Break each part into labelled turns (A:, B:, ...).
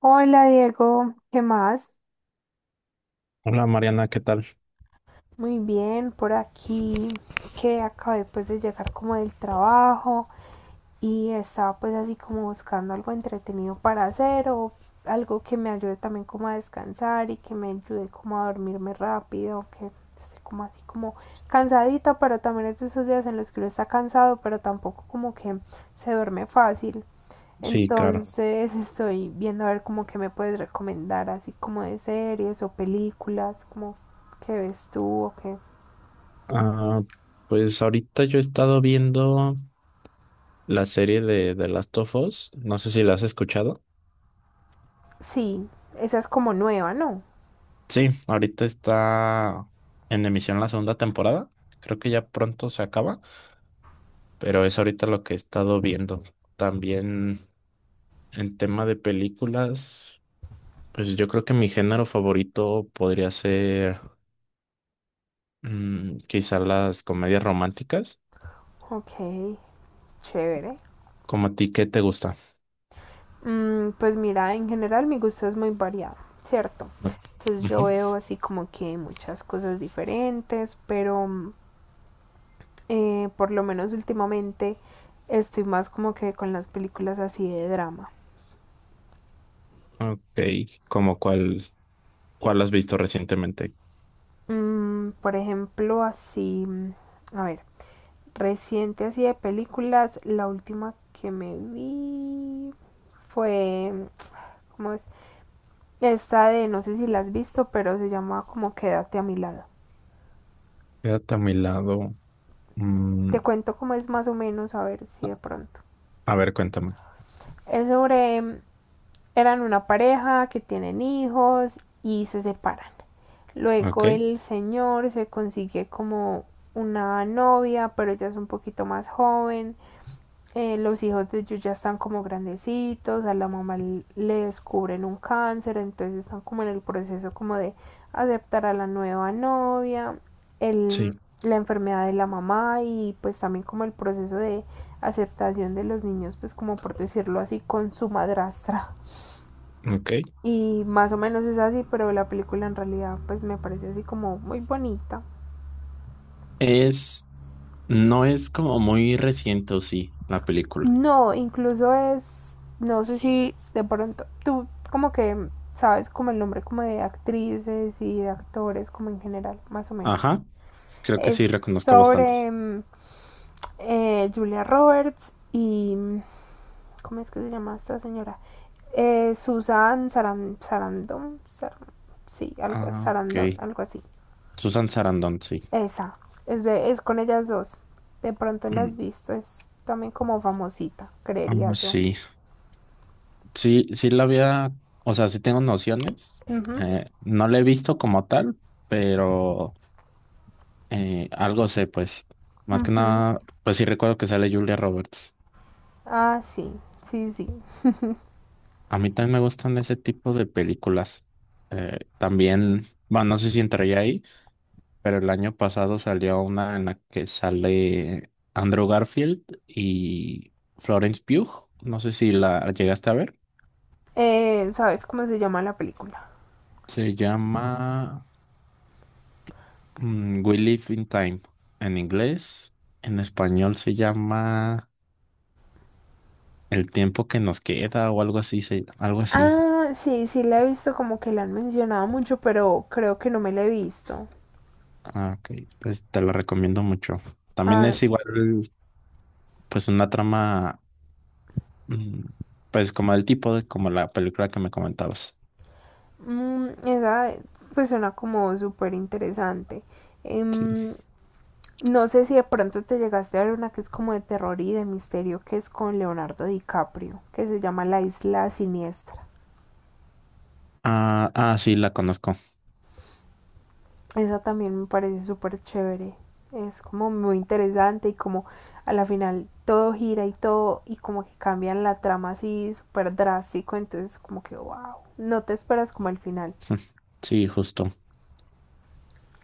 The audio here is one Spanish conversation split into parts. A: Hola Diego, ¿qué más?
B: Hola Mariana, ¿qué tal?
A: Muy bien, por aquí que acabé pues de llegar como del trabajo y estaba pues así como buscando algo entretenido para hacer o algo que me ayude también como a descansar y que me ayude como a dormirme rápido, que estoy como así como cansadita, pero también es de esos días en los que uno está cansado, pero tampoco como que se duerme fácil.
B: Sí, claro.
A: Entonces estoy viendo a ver como que me puedes recomendar, así como de series o películas, como que ves tú o qué.
B: Ah, pues ahorita yo he estado viendo la serie de Last of Us. No sé si la has escuchado.
A: Sí, esa es como nueva, ¿no?
B: Sí, ahorita está en emisión la segunda temporada. Creo que ya pronto se acaba, pero es ahorita lo que he estado viendo. También en tema de películas, pues yo creo que mi género favorito podría ser quizá las comedias románticas.
A: Ok, chévere.
B: ¿Como a ti qué te gusta?
A: Pues mira, en general mi gusto es muy variado, ¿cierto?
B: Ok.
A: Entonces yo
B: Ujú.
A: veo así como que muchas cosas diferentes, pero por lo menos últimamente estoy más como que con las películas así de drama.
B: Ok, como cuál, ¿cuál has visto recientemente?
A: Por ejemplo, así, a ver, reciente así de películas, la última que me vi fue, ¿cómo es? Esta de, no sé si la has visto, pero se llama como Quédate a mi lado.
B: Quédate a mi lado. Mm,
A: Te cuento cómo es más o menos, a ver si de pronto.
B: a ver, cuéntame.
A: Es sobre, eran una pareja que tienen hijos y se separan.
B: Ok,
A: Luego el señor se consigue como una novia, pero ella es un poquito más joven los hijos de ellos ya están como grandecitos, a la mamá le descubren un cáncer, entonces están como en el proceso como de aceptar a la nueva novia, el,
B: sí,
A: la enfermedad de la mamá y pues también como el proceso de aceptación de los niños, pues como por decirlo así, con su madrastra.
B: ok.
A: Y más o menos es así, pero la película en realidad pues me parece así como muy bonita.
B: Es, ¿no es como muy reciente, o sí, la película?
A: No, incluso es, no sé si de pronto, tú como que sabes como el nombre como de actrices y de actores como en general, más o menos.
B: Ajá, creo que
A: Es
B: sí, reconozco
A: sobre
B: bastantes.
A: Julia Roberts y, ¿cómo es que se llama esta señora? Susan Sarandon, sí, algo,
B: Ah, ok.
A: Sarandon, algo así.
B: Susan Sarandon, sí.
A: Esa, es, de, es con ellas dos. De pronto la has
B: Mm,
A: visto, es también como famosita,
B: ah,
A: creería yo.
B: sí, sí la había, o sea, sí tengo nociones.
A: Ujú.
B: No la he visto como tal, pero... algo sé, pues. Más que
A: Ujú.
B: nada, pues sí recuerdo que sale Julia Roberts.
A: Ah, sí, sí, sí.
B: A mí también me gustan ese tipo de películas. También, bueno, no sé si entraría ahí, pero el año pasado salió una en la que sale Andrew Garfield y Florence Pugh. No sé si la llegaste a ver.
A: ¿Sabes cómo se llama la película?
B: Se llama We Live in Time en inglés. En español se llama El tiempo que nos queda o algo así, se- algo así.
A: Ah, sí, sí la he visto, como que la han mencionado mucho, pero creo que no me la he visto.
B: Ah, ok, pues te lo recomiendo mucho. También
A: Ah,
B: es igual, pues una trama, mm, pues como del tipo de como la película que me comentabas.
A: esa pues suena como súper interesante.
B: Sí.
A: Em, no sé si de pronto te llegaste a ver una que es como de terror y de misterio, que es con Leonardo DiCaprio, que se llama La Isla Siniestra.
B: Ah, sí, la conozco.
A: Esa también me parece súper chévere. Es como muy interesante y como a la final todo gira y todo y como que cambian la trama así súper drástico. Entonces como que wow, no te esperas como el final.
B: Sí, justo.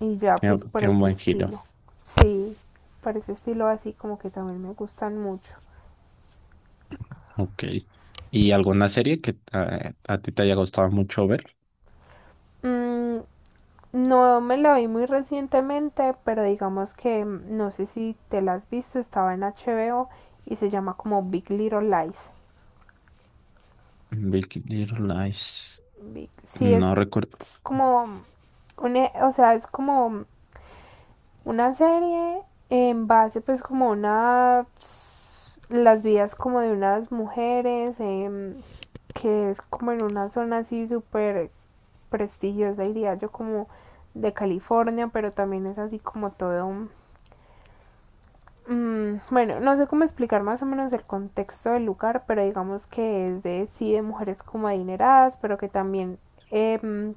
A: Y ya
B: Tiene,
A: pues por
B: tiene un
A: ese
B: buen giro.
A: estilo. Sí, por ese estilo así como que también me gustan mucho.
B: Ok. ¿Y alguna serie que a ti te haya gustado mucho ver?
A: Mm, no me la vi muy recientemente, pero digamos que no sé si te la has visto, estaba en HBO y se llama como Big Little Lies.
B: Big Little Lies.
A: Sí, es
B: No recuerdo.
A: como una, o sea, es como una serie en base pues como una las vidas como de unas mujeres que es como en una zona así súper prestigiosa diría yo como de California, pero también es así como todo bueno, no sé cómo explicar más o menos el contexto del lugar, pero digamos que es de sí de mujeres como adineradas, pero que también em,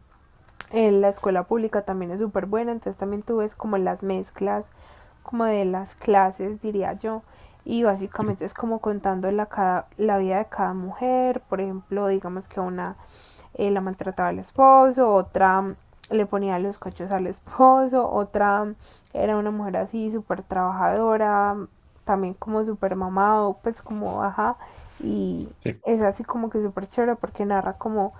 A: La escuela pública también es súper buena, entonces también tú ves como las mezclas, como de las clases, diría yo. Y básicamente es como contando la vida de cada mujer. Por ejemplo, digamos que una la maltrataba al esposo, otra le ponía los cochos al esposo, otra era una mujer así súper trabajadora, también como súper mamado, pues como ajá. Y
B: Sí.
A: es así como que súper chévere porque narra como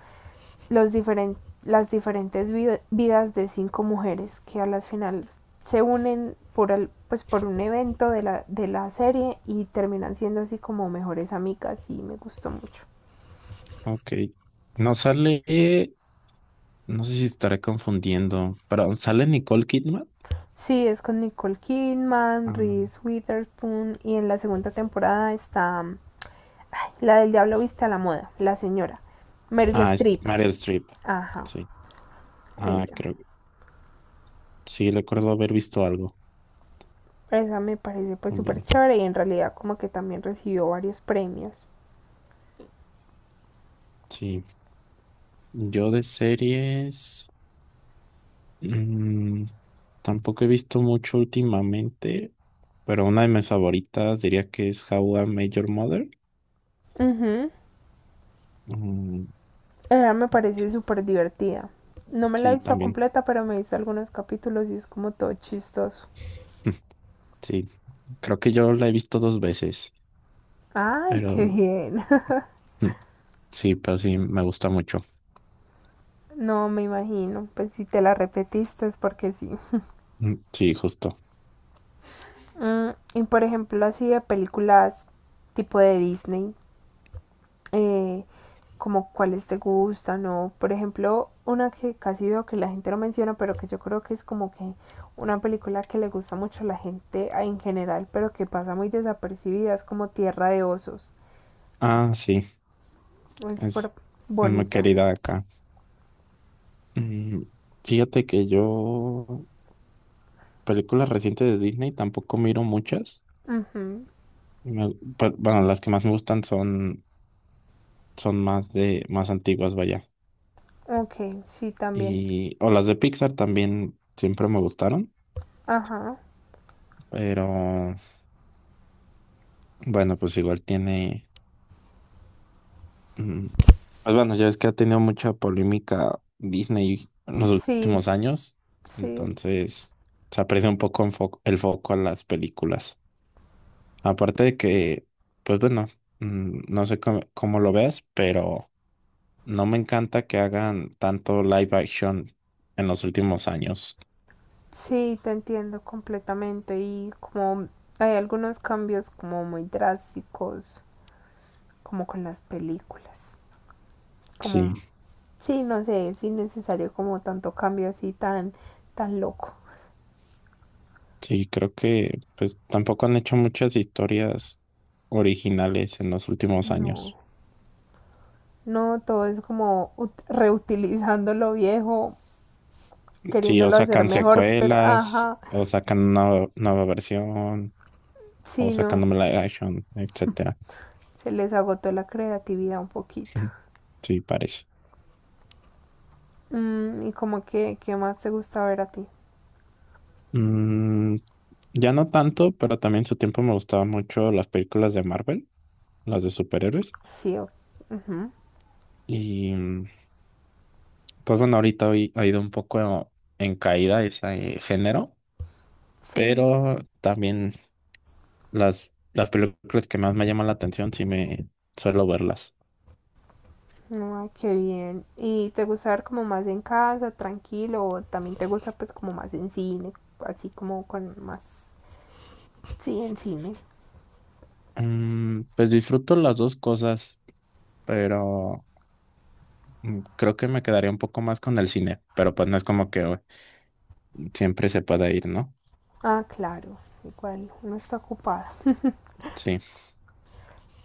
A: los diferen- las diferentes vidas de cinco mujeres que a las finales se unen por, pues por un evento de de la serie y terminan siendo así como mejores amigas y me gustó mucho.
B: Ok. No sale, no sé si estaré confundiendo, pero ¿sale Nicole Kidman?
A: Sí, es con Nicole Kidman,
B: Ah.
A: Reese Witherspoon y en la segunda temporada está ay, la del Diablo Viste a la Moda, la señora Meryl
B: Ah, es
A: Streep.
B: Meryl Streep.
A: Ajá,
B: Sí. Ah,
A: ella.
B: creo. Sí, recuerdo haber visto algo
A: Esa me parece pues súper
B: también.
A: chévere y en realidad como que también recibió varios premios.
B: Sí. Yo de series, mm, tampoco he visto mucho últimamente. Pero una de mis favoritas diría que es How I Met Your Mother.
A: Ujú.
B: Mm,
A: Ella me parece súper divertida. No me la he
B: sí,
A: visto
B: también.
A: completa, pero me he visto algunos capítulos y es como todo chistoso.
B: Sí. Creo que yo la he visto dos veces.
A: Ay, qué
B: Pero
A: bien.
B: mm, sí, pero sí, me gusta mucho.
A: No, me imagino. Pues si te la repetiste es porque sí.
B: Sí, justo.
A: Y por ejemplo, así de películas tipo de Disney, eh, como cuáles te gustan o, por ejemplo, una que casi veo que la gente no menciona, pero que yo creo que es como que una película que le gusta mucho a la gente en general, pero que pasa muy desapercibida, es como Tierra de Osos.
B: Ah, sí.
A: Es súper
B: Es, es muy
A: bonita.
B: querida acá. Mm, fíjate que yo películas recientes de Disney tampoco miro muchas.
A: Ujú.
B: Me- pe- bueno, las que más me gustan son, son más de, más antiguas, vaya.
A: Ok, sí, también.
B: Y, o las de Pixar también siempre me gustaron,
A: Ajá.
B: pero bueno, pues igual tiene, mm, pues bueno, ya es que ha tenido mucha polémica Disney en los
A: Sí,
B: últimos años,
A: sí,
B: entonces se aprecia un poco en fo- el foco a las películas. Aparte de que, pues bueno, no sé cómo, cómo lo veas, pero... No me encanta que hagan tanto live action en los últimos años.
A: sí, te entiendo completamente. Y como hay algunos cambios como muy drásticos, como con las películas.
B: Sí,
A: Como, sí, no sé, es innecesario como tanto cambio así tan, tan loco.
B: sí, creo que pues tampoco han hecho muchas historias originales en los últimos años.
A: No, no, todo es como reutilizando lo viejo,
B: Sí, o
A: queriéndolo hacer
B: sacan
A: mejor, pero
B: secuelas,
A: ajá,
B: o sacan una nueva versión, o
A: sí,
B: sacan
A: no.
B: un live action, etcétera.
A: Se les agotó la creatividad un poquito.
B: Sí, parece.
A: Y como que, ¿qué más te gusta ver a ti?
B: Mm, ya no tanto, pero también en su tiempo me gustaban mucho las películas de Marvel, las de superhéroes.
A: Sí, ujú,
B: Y pues bueno, ahorita hoy ha ido un poco en caída ese género,
A: sí,
B: pero también las películas que más me llaman la atención sí me suelo verlas.
A: ay, qué bien. ¿Y te gusta ver como más en casa, tranquilo, o también te gusta pues como más en cine, así como con más... Sí, en cine.
B: Mm, pues disfruto las dos cosas, pero creo que me quedaría un poco más con el cine, pero pues no es como que siempre se pueda ir, ¿no?
A: Ah, claro, igual, uno está ocupado.
B: Sí,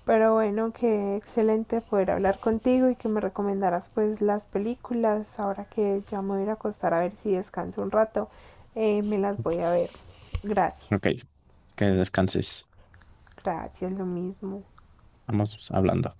A: Pero bueno, qué excelente poder hablar contigo y que me recomendaras pues las películas. Ahora que ya me voy a ir a acostar a ver si descanso un rato, me las voy a ver. Gracias.
B: ok, que descanses.
A: Gracias, lo mismo.
B: Vamos hablando.